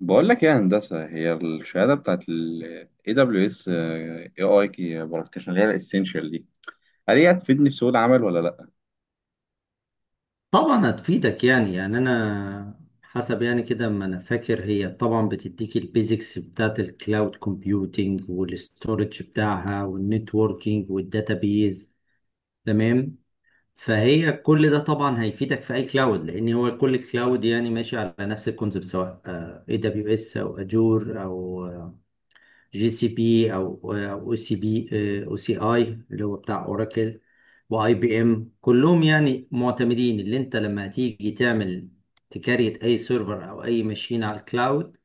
بقول لك إيه يا هندسة، هي الشهادة بتاعت ال AWS AI Broadcast اللي هي الاسينشال دي هل هي هتفيدني في سوق العمل ولا لأ؟ طبعا هتفيدك. يعني انا حسب يعني كده ما انا فاكر. هي طبعا بتديك البيزكس بتاعت الكلاود كومبيوتينج والاستورج بتاعها والنتوركينج والداتابيز. تمام. فهي كل ده طبعا هيفيدك في اي كلاود، لان هو كل كلاود يعني ماشي على نفس الكونسيبت، سواء اي دبليو اس او اجور او جي سي بي او او سي بي او سي اي اللي هو بتاع اوراكل واي بي ام. كلهم يعني معتمدين. اللي انت لما هتيجي تعمل تكاريت اي سيرفر او اي ماشين على الكلاود،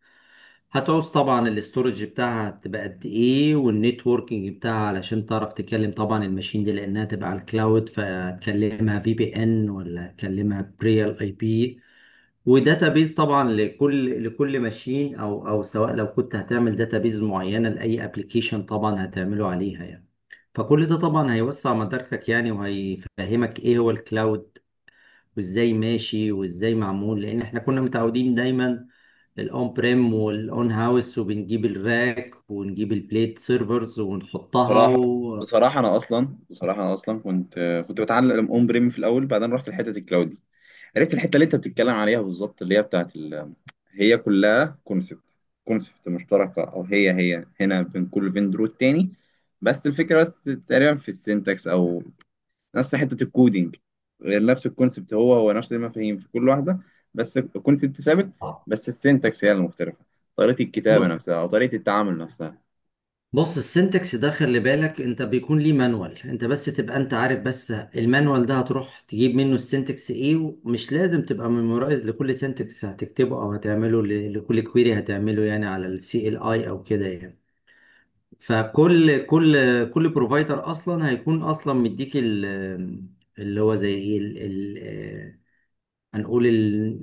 هتعوز طبعا الاستورج بتاعها هتبقى قد ايه، والنتوركينج بتاعها علشان تعرف تكلم طبعا الماشين دي، لانها تبقى على الكلاود، فتكلمها في بي ان ولا تكلمها بريال اي بي. وداتابيز طبعا لكل ماشين او سواء لو كنت هتعمل داتابيز معينه لاي ابلكيشن طبعا هتعمله عليها يعني. فكل ده طبعا هيوسع مداركك يعني، وهيفهمك ايه هو الكلاود، وازاي ماشي وازاي معمول. لان احنا كنا متعودين دايما الاون بريم والاون هاوس، وبنجيب الراك ونجيب البليت سيرفرز ونحطها بصراحة و... بصراحة أنا أصلا كنت، كنت بتعلم أون بريم في الأول، بعدين رحت لحتة الكلاود دي. عرفت الحتة اللي أنت بتتكلم عليها بالظبط اللي هي بتاعت ال. هي كلها كونسبت مشتركة، أو هي هنا بين كل فيندور والتاني. بس الفكرة بس تقريبا في السينتاكس أو نفس حته الكودينج. نفس الكونسبت، هو هو نفس المفاهيم في كل واحده. بس الكونسبت ثابت، بس السنتكس هي المختلفه، طريقه الكتابه بص. نفسها او طريقه التعامل نفسها. بص، السنتكس ده خلي بالك انت بيكون ليه مانوال، انت بس تبقى انت عارف، بس المانوال ده هتروح تجيب منه السنتكس ايه. ومش لازم تبقى ميمورايز لكل سنتكس هتكتبه او هتعمله لكل كويري هتعمله يعني، على السي ال اي او كده يعني. فكل كل كل بروفايدر اصلا هيكون اصلا مديك اللي هو زي ايه هنقول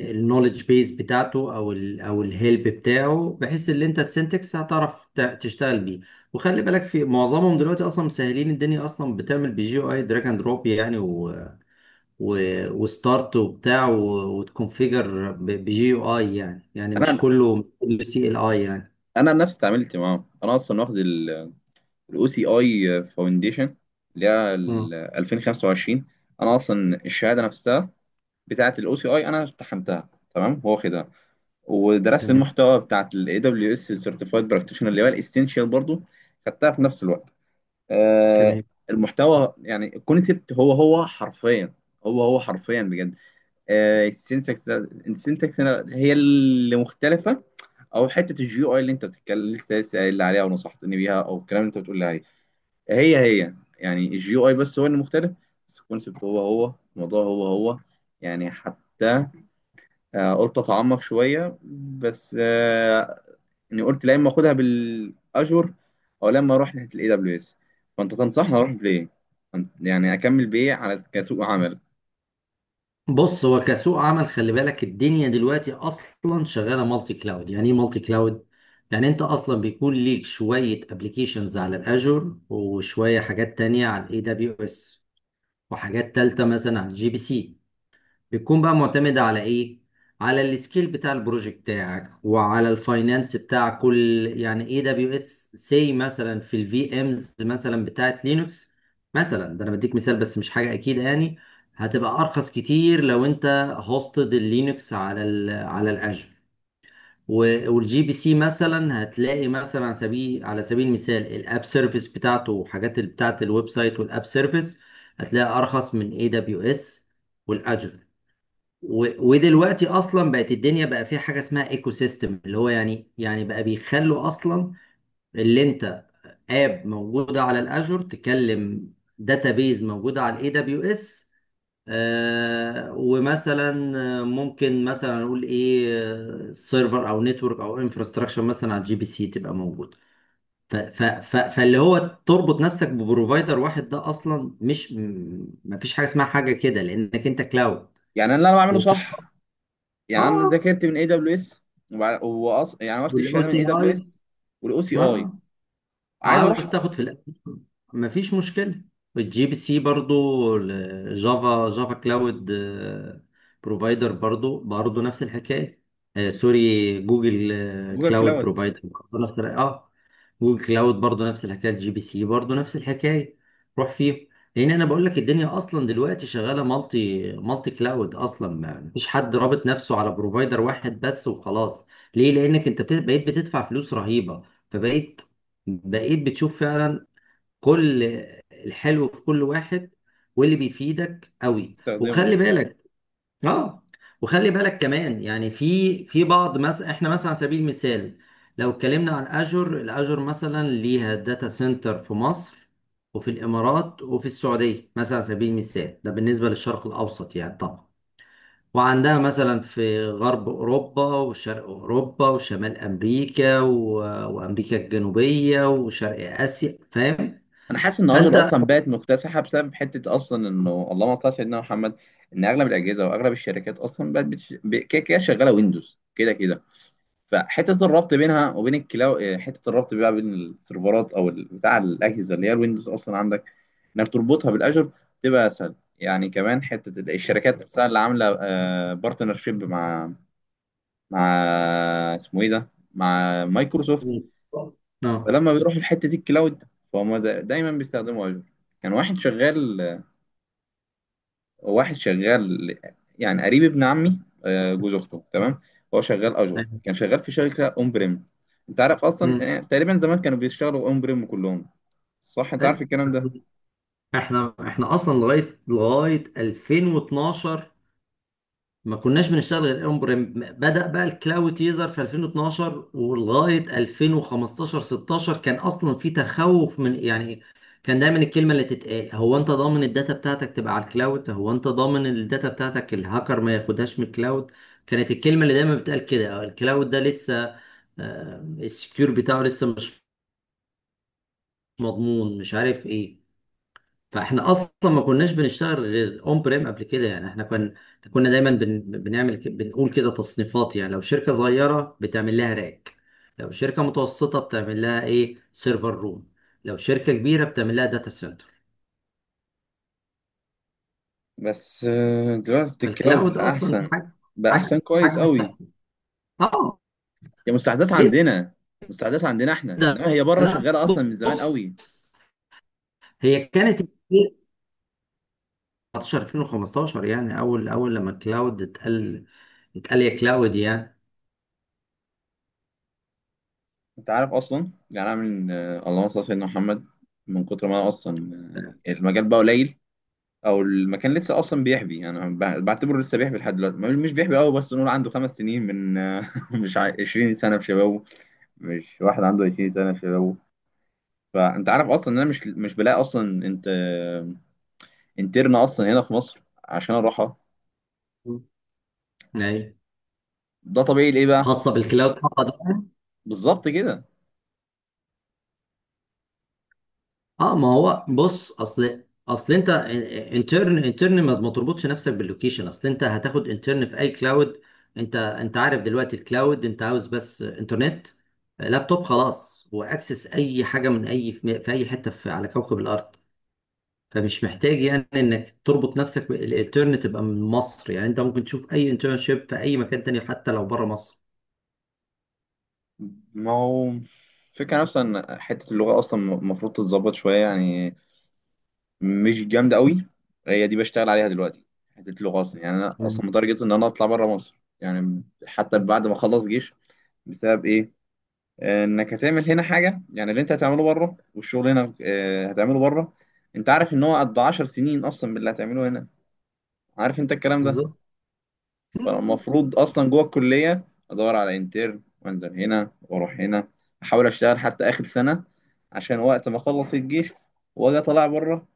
النولج بيز بتاعته او ال او الهيلب بتاعه، بحيث ان انت السنتكس هتعرف تشتغل بيه. وخلي بالك في معظمهم دلوقتي اصلا مسهلين الدنيا، اصلا بتعمل بجي او اي دراج اند دروب يعني، و وستارت وبتاع وتكونفيجر بجي او اي يعني، يعني مش انا كله، مش كله سي ال اي يعني. انا نفسي اتعاملت معاهم، انا اصلا واخد الاو سي اي فاونديشن اللي هي مم. ال 2025. انا اصلا الشهاده نفسها بتاعه الاو سي اي انا امتحنتها تمام، هو واخدها. ودرست تمام. المحتوى بتاعه الاي دبليو اس سيرتيفايد براكتيشنر اللي هو الاسينشال برضو، خدتها في نفس الوقت. آه، تمام. المحتوى يعني الكونسيبت هو هو حرفيا، هو هو حرفيا بجد. السينتاكس، السينتاكس هي اللي مختلفه. او حته الجيو اي اللي انت بتتكلم لسه قايل لي عليها ونصحتني بيها، او الكلام اللي انت بتقول لي عليه، هي هي يعني الجيو اي بس هو اللي مختلف، بس الكونسيبت هو هو، الموضوع هو هو. يعني حتى، قلت اتعمق شويه بس، اني قلت لا، اما اخدها بالاشور او لما اروح ناحيه الاي دبليو اس. فانت تنصحني اروح بايه؟ يعني اكمل بايه على كسوق عمل؟ بص هو كسوق عمل خلي بالك الدنيا دلوقتي اصلا شغاله مالتي كلاود. يعني ايه مالتي كلاود؟ يعني انت اصلا بيكون ليك شويه ابلكيشنز على الاجور، وشويه حاجات تانية على الاي دبليو اس، وحاجات تالتة مثلا على الجي بي سي. بتكون بقى معتمدة على ايه؟ على السكيل بتاع البروجكت بتاعك، وعلى الفاينانس بتاع كل يعني اي دبليو اس سي مثلا، في الفي امز مثلا بتاعت لينكس مثلا. ده انا بديك مثال بس، مش حاجة اكيد يعني. هتبقى ارخص كتير لو انت هوستد اللينكس على ال على الاجر والجي بي سي مثلا. هتلاقي مثلا على سبيل، على سبيل المثال، الاب سيرفيس بتاعته وحاجات بتاعت الويب سايت والاب سيرفيس هتلاقي ارخص من اي دبليو اس والاجر. ودلوقتي اصلا بقت الدنيا بقى فيها حاجه اسمها ايكو سيستم، اللي هو يعني يعني بقى بيخلوا اصلا اللي انت اب موجوده على الاجر تكلم داتابيز موجوده على الاي دبليو اس، ومثلا ممكن مثلا نقول ايه سيرفر او نتورك او انفراستراكشر مثلا على الجي بي سي تبقى موجوده. ف- ف- فاللي هو تربط نفسك ببروفايدر واحد ده اصلا مش، ما فيش حاجه اسمها حاجه كده، لانك انت كلاود. يعني انا اللي انا بعمله وفي. صح؟ يعني انا اه. ذاكرت من اي دبليو اس، يعني واخد والاو الشهاده من سي اي اي. دبليو اس والاو سي اي. اه. عايز اروح عاوز تاخد في الأساس. مفيش مشكله. الجي بي سي برضو، الجافا جافا كلاود بروفايدر برضو، برضو نفس الحكايه. آه سوري، جوجل جوجل كلاود كلاود بروفايدر برضو نفس الحكاية. اه. وكلاود برضو نفس الحكايه. الجي بي سي برضو نفس الحكايه. روح فيه. لان انا بقول لك الدنيا اصلا دلوقتي شغاله مالتي كلاود اصلا. ما مفيش حد رابط نفسه على بروفايدر واحد بس وخلاص. ليه؟ لانك انت بقيت بتدفع فلوس رهيبه. فبقيت، بقيت بتشوف فعلا كل الحلو في كل واحد، واللي بيفيدك قوي. استخدمه. وخلي بالك. اه. وخلي بالك كمان يعني، في في بعض مثلا احنا، مثلا على سبيل المثال لو اتكلمنا عن اجر، الاجر مثلا ليها داتا سنتر في مصر وفي الامارات وفي السعوديه مثلا، على سبيل المثال، ده بالنسبه للشرق الاوسط يعني طبعا. وعندها مثلا في غرب اوروبا وشرق اوروبا وشمال امريكا و... وامريكا الجنوبيه وشرق اسيا. فاهم؟ انا حاسس ان فانت اجر اصلا اه. بقت مكتسحه بسبب حته اصلا انه، اللهم صل على سيدنا محمد، ان اغلب الاجهزه واغلب الشركات اصلا بقت كده كده شغاله ويندوز كده كده. فحته الربط بينها وبين الكلاو، حته الربط بقى بين السيرفرات او بتاع الاجهزه اللي هي الويندوز اصلا عندك، انك تربطها بالاجر تبقى اسهل. يعني كمان حته الشركات نفسها اللي عامله بارتنرشيب مع، مع، اسمه ايه ده، مع مايكروسوفت. أيوة. فلما بيروحوا لحته الكلاود فهم دايما بيستخدموا اجر. كان واحد شغال، واحد شغال، يعني قريب ابن عمي، جوز اخته تمام، هو شغال اجور، كان شغال في شركه اون بريم. انت عارف مم. اصلا، تقريبا زمان كانوا بيشتغلوا اون بريم كلهم، صح؟ انت عارف أيوة. الكلام ده؟ احنا اصلا لغايه 2012 ما كناش بنشتغل غير اون بريم. بدأ بقى الكلاود يظهر في 2012، ولغايه 2015 16، كان اصلا في تخوف من يعني. كان دايما الكلمه اللي تتقال: هو انت ضامن الداتا بتاعتك تبقى على الكلاود؟ هو انت ضامن الداتا بتاعتك الهاكر ما ياخدهاش من الكلاود؟ كانت الكلمه اللي دايما بتقال كده. الكلاود ده لسه السكيور بتاعه لسه مش مضمون، مش عارف ايه. فاحنا اصلا ما كناش بنشتغل غير اون بريم قبل كده يعني. احنا كنا دايما بنعمل بنقول كده تصنيفات يعني. لو شركه صغيره بتعمل لها راك، لو شركه متوسطه بتعمل لها ايه سيرفر روم، لو شركه كبيره بتعمل لها داتا سنتر. بس، دلوقتي الكلاود فالكلاود بقى اصلا دي احسن، حاجه، بقى احسن حاجه كويس قوي. مستحيله. اه هي مستحدث عندنا، مستحدث عندنا احنا، جدا. انما هي بره لا، شغاله اصلا من زمان بص، قوي. هي كانت 19 2015 يعني، اول اول لما الكلاود اتقال، اتقال يا كلاود يعني. انت عارف اصلا، يعني انا من، اللهم صل على سيدنا محمد، من كتر ما انا اصلا، المجال بقى قليل، او المكان لسه اصلا بيحبي. يعني انا بعتبره لسه بيحبي لحد دلوقتي، مش بيحبي قوي، بس نقول عنده خمس سنين من مش ع- 20 سنه في شبابه، مش واحد عنده 20 سنه في شبابه. فانت عارف اصلا ان انا مش بلاقي اصلا انت، انترن اصلا هنا في مصر عشان اروحها. ايوه. ده طبيعي ليه بقى؟ خاصه بالكلاود خاصة ده. بالظبط كده. اه، ما هو بص اصل انت انترن، انترن ما تربطش نفسك باللوكيشن، اصل انت هتاخد انترن في اي كلاود. انت عارف دلوقتي الكلاود انت عاوز بس انترنت، لابتوب، خلاص، واكسس اي حاجه من اي في اي حته في على كوكب الارض. فمش محتاج يعني انك تربط نفسك بالانترن تبقى من مصر يعني. انت ممكن تشوف اي انترنشيب في اي مكان تاني حتى لو بره مصر. ما هو فكرة نفسها ان حتة اللغة اصلا المفروض تتظبط شوية، يعني مش جامده قوي، هي دي بشتغل عليها دلوقتي. حته اللغه اصلا، يعني انا مم. اصلا متارجت ان انا اطلع بره مصر يعني، حتى بعد ما اخلص جيش. بسبب ايه؟ انك هتعمل هنا حاجه يعني اللي انت هتعمله بره، والشغل هنا هتعمله بره. انت عارف ان هو قد 10 سنين اصلا باللي هتعمله هنا؟ عارف انت الكلام ده؟ بالظبط. فالمفروض اصلا جوه الكليه ادور على انترن وانزل هنا واروح هنا، احاول اشتغل حتى اخر سنه، عشان وقت ما اخلص الجيش واجي اطلع بره.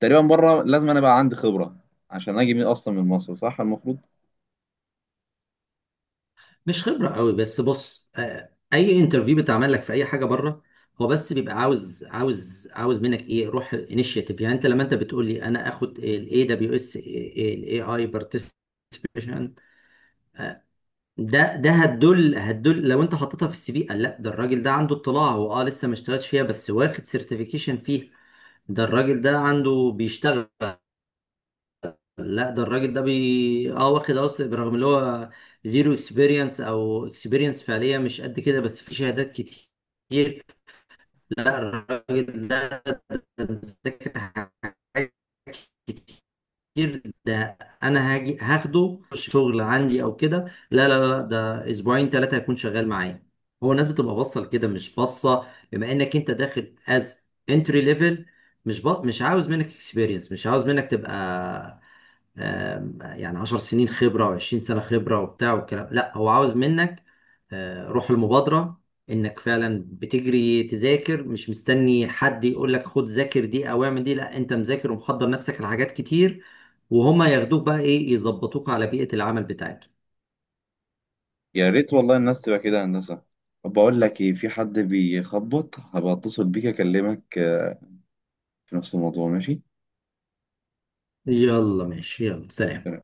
تقريبا بره لازم انا بقى عندي خبره عشان اجي من اصلا من مصر، صح؟ المفروض. مش خبرة قوي بس، بص اي انترفيو بيتعمل لك في اي حاجة بره هو بس بيبقى عاوز، عاوز منك ايه؟ روح انيشيتيف. يعني انت لما انت بتقول لي انا اخد الاي دبليو اس الاي اي بارتيسيبيشن، ده هتدل لو انت حطيتها في السي في، قال: لا، ده الراجل ده عنده اطلاع، هو اه لسه ما اشتغلش فيها بس واخد سيرتيفيكيشن فيها. ده الراجل ده عنده بيشتغل. لا، ده الراجل ده بي اه واخد اصلا، برغم اللي هو زيرو اكسبيرينس او اكسبيرينس فعليا مش قد كده، بس في شهادات كتير. لا الراجل ده مذاكر حاجات كتير، ده انا هاجي هاخده شغل عندي او كده. لا لا لا، ده اسبوعين ثلاثة هيكون شغال معايا. هو الناس بتبقى باصه لكده، مش باصه بما انك انت داخل از انتري ليفل. مش عاوز منك اكسبيرينس، مش عاوز منك تبقى يعني 10 سنين خبرة و20 سنة خبرة وبتاع والكلام. لا هو عاوز منك روح المبادرة. انك فعلا بتجري تذاكر، مش مستني حد يقول لك خد ذاكر دي او اعمل دي. لا انت مذاكر ومحضر نفسك لحاجات كتير. وهما ياخدوك بقى ايه؟ يظبطوك على بيئة العمل بتاعتهم. يا ريت والله الناس تبقى كده هندسه. طب بقول لك ايه، في حد بيخبط، هبقى اتصل بيك اكلمك، في نفس الموضوع، ماشي؟ يلا ماشي، يلا سلام.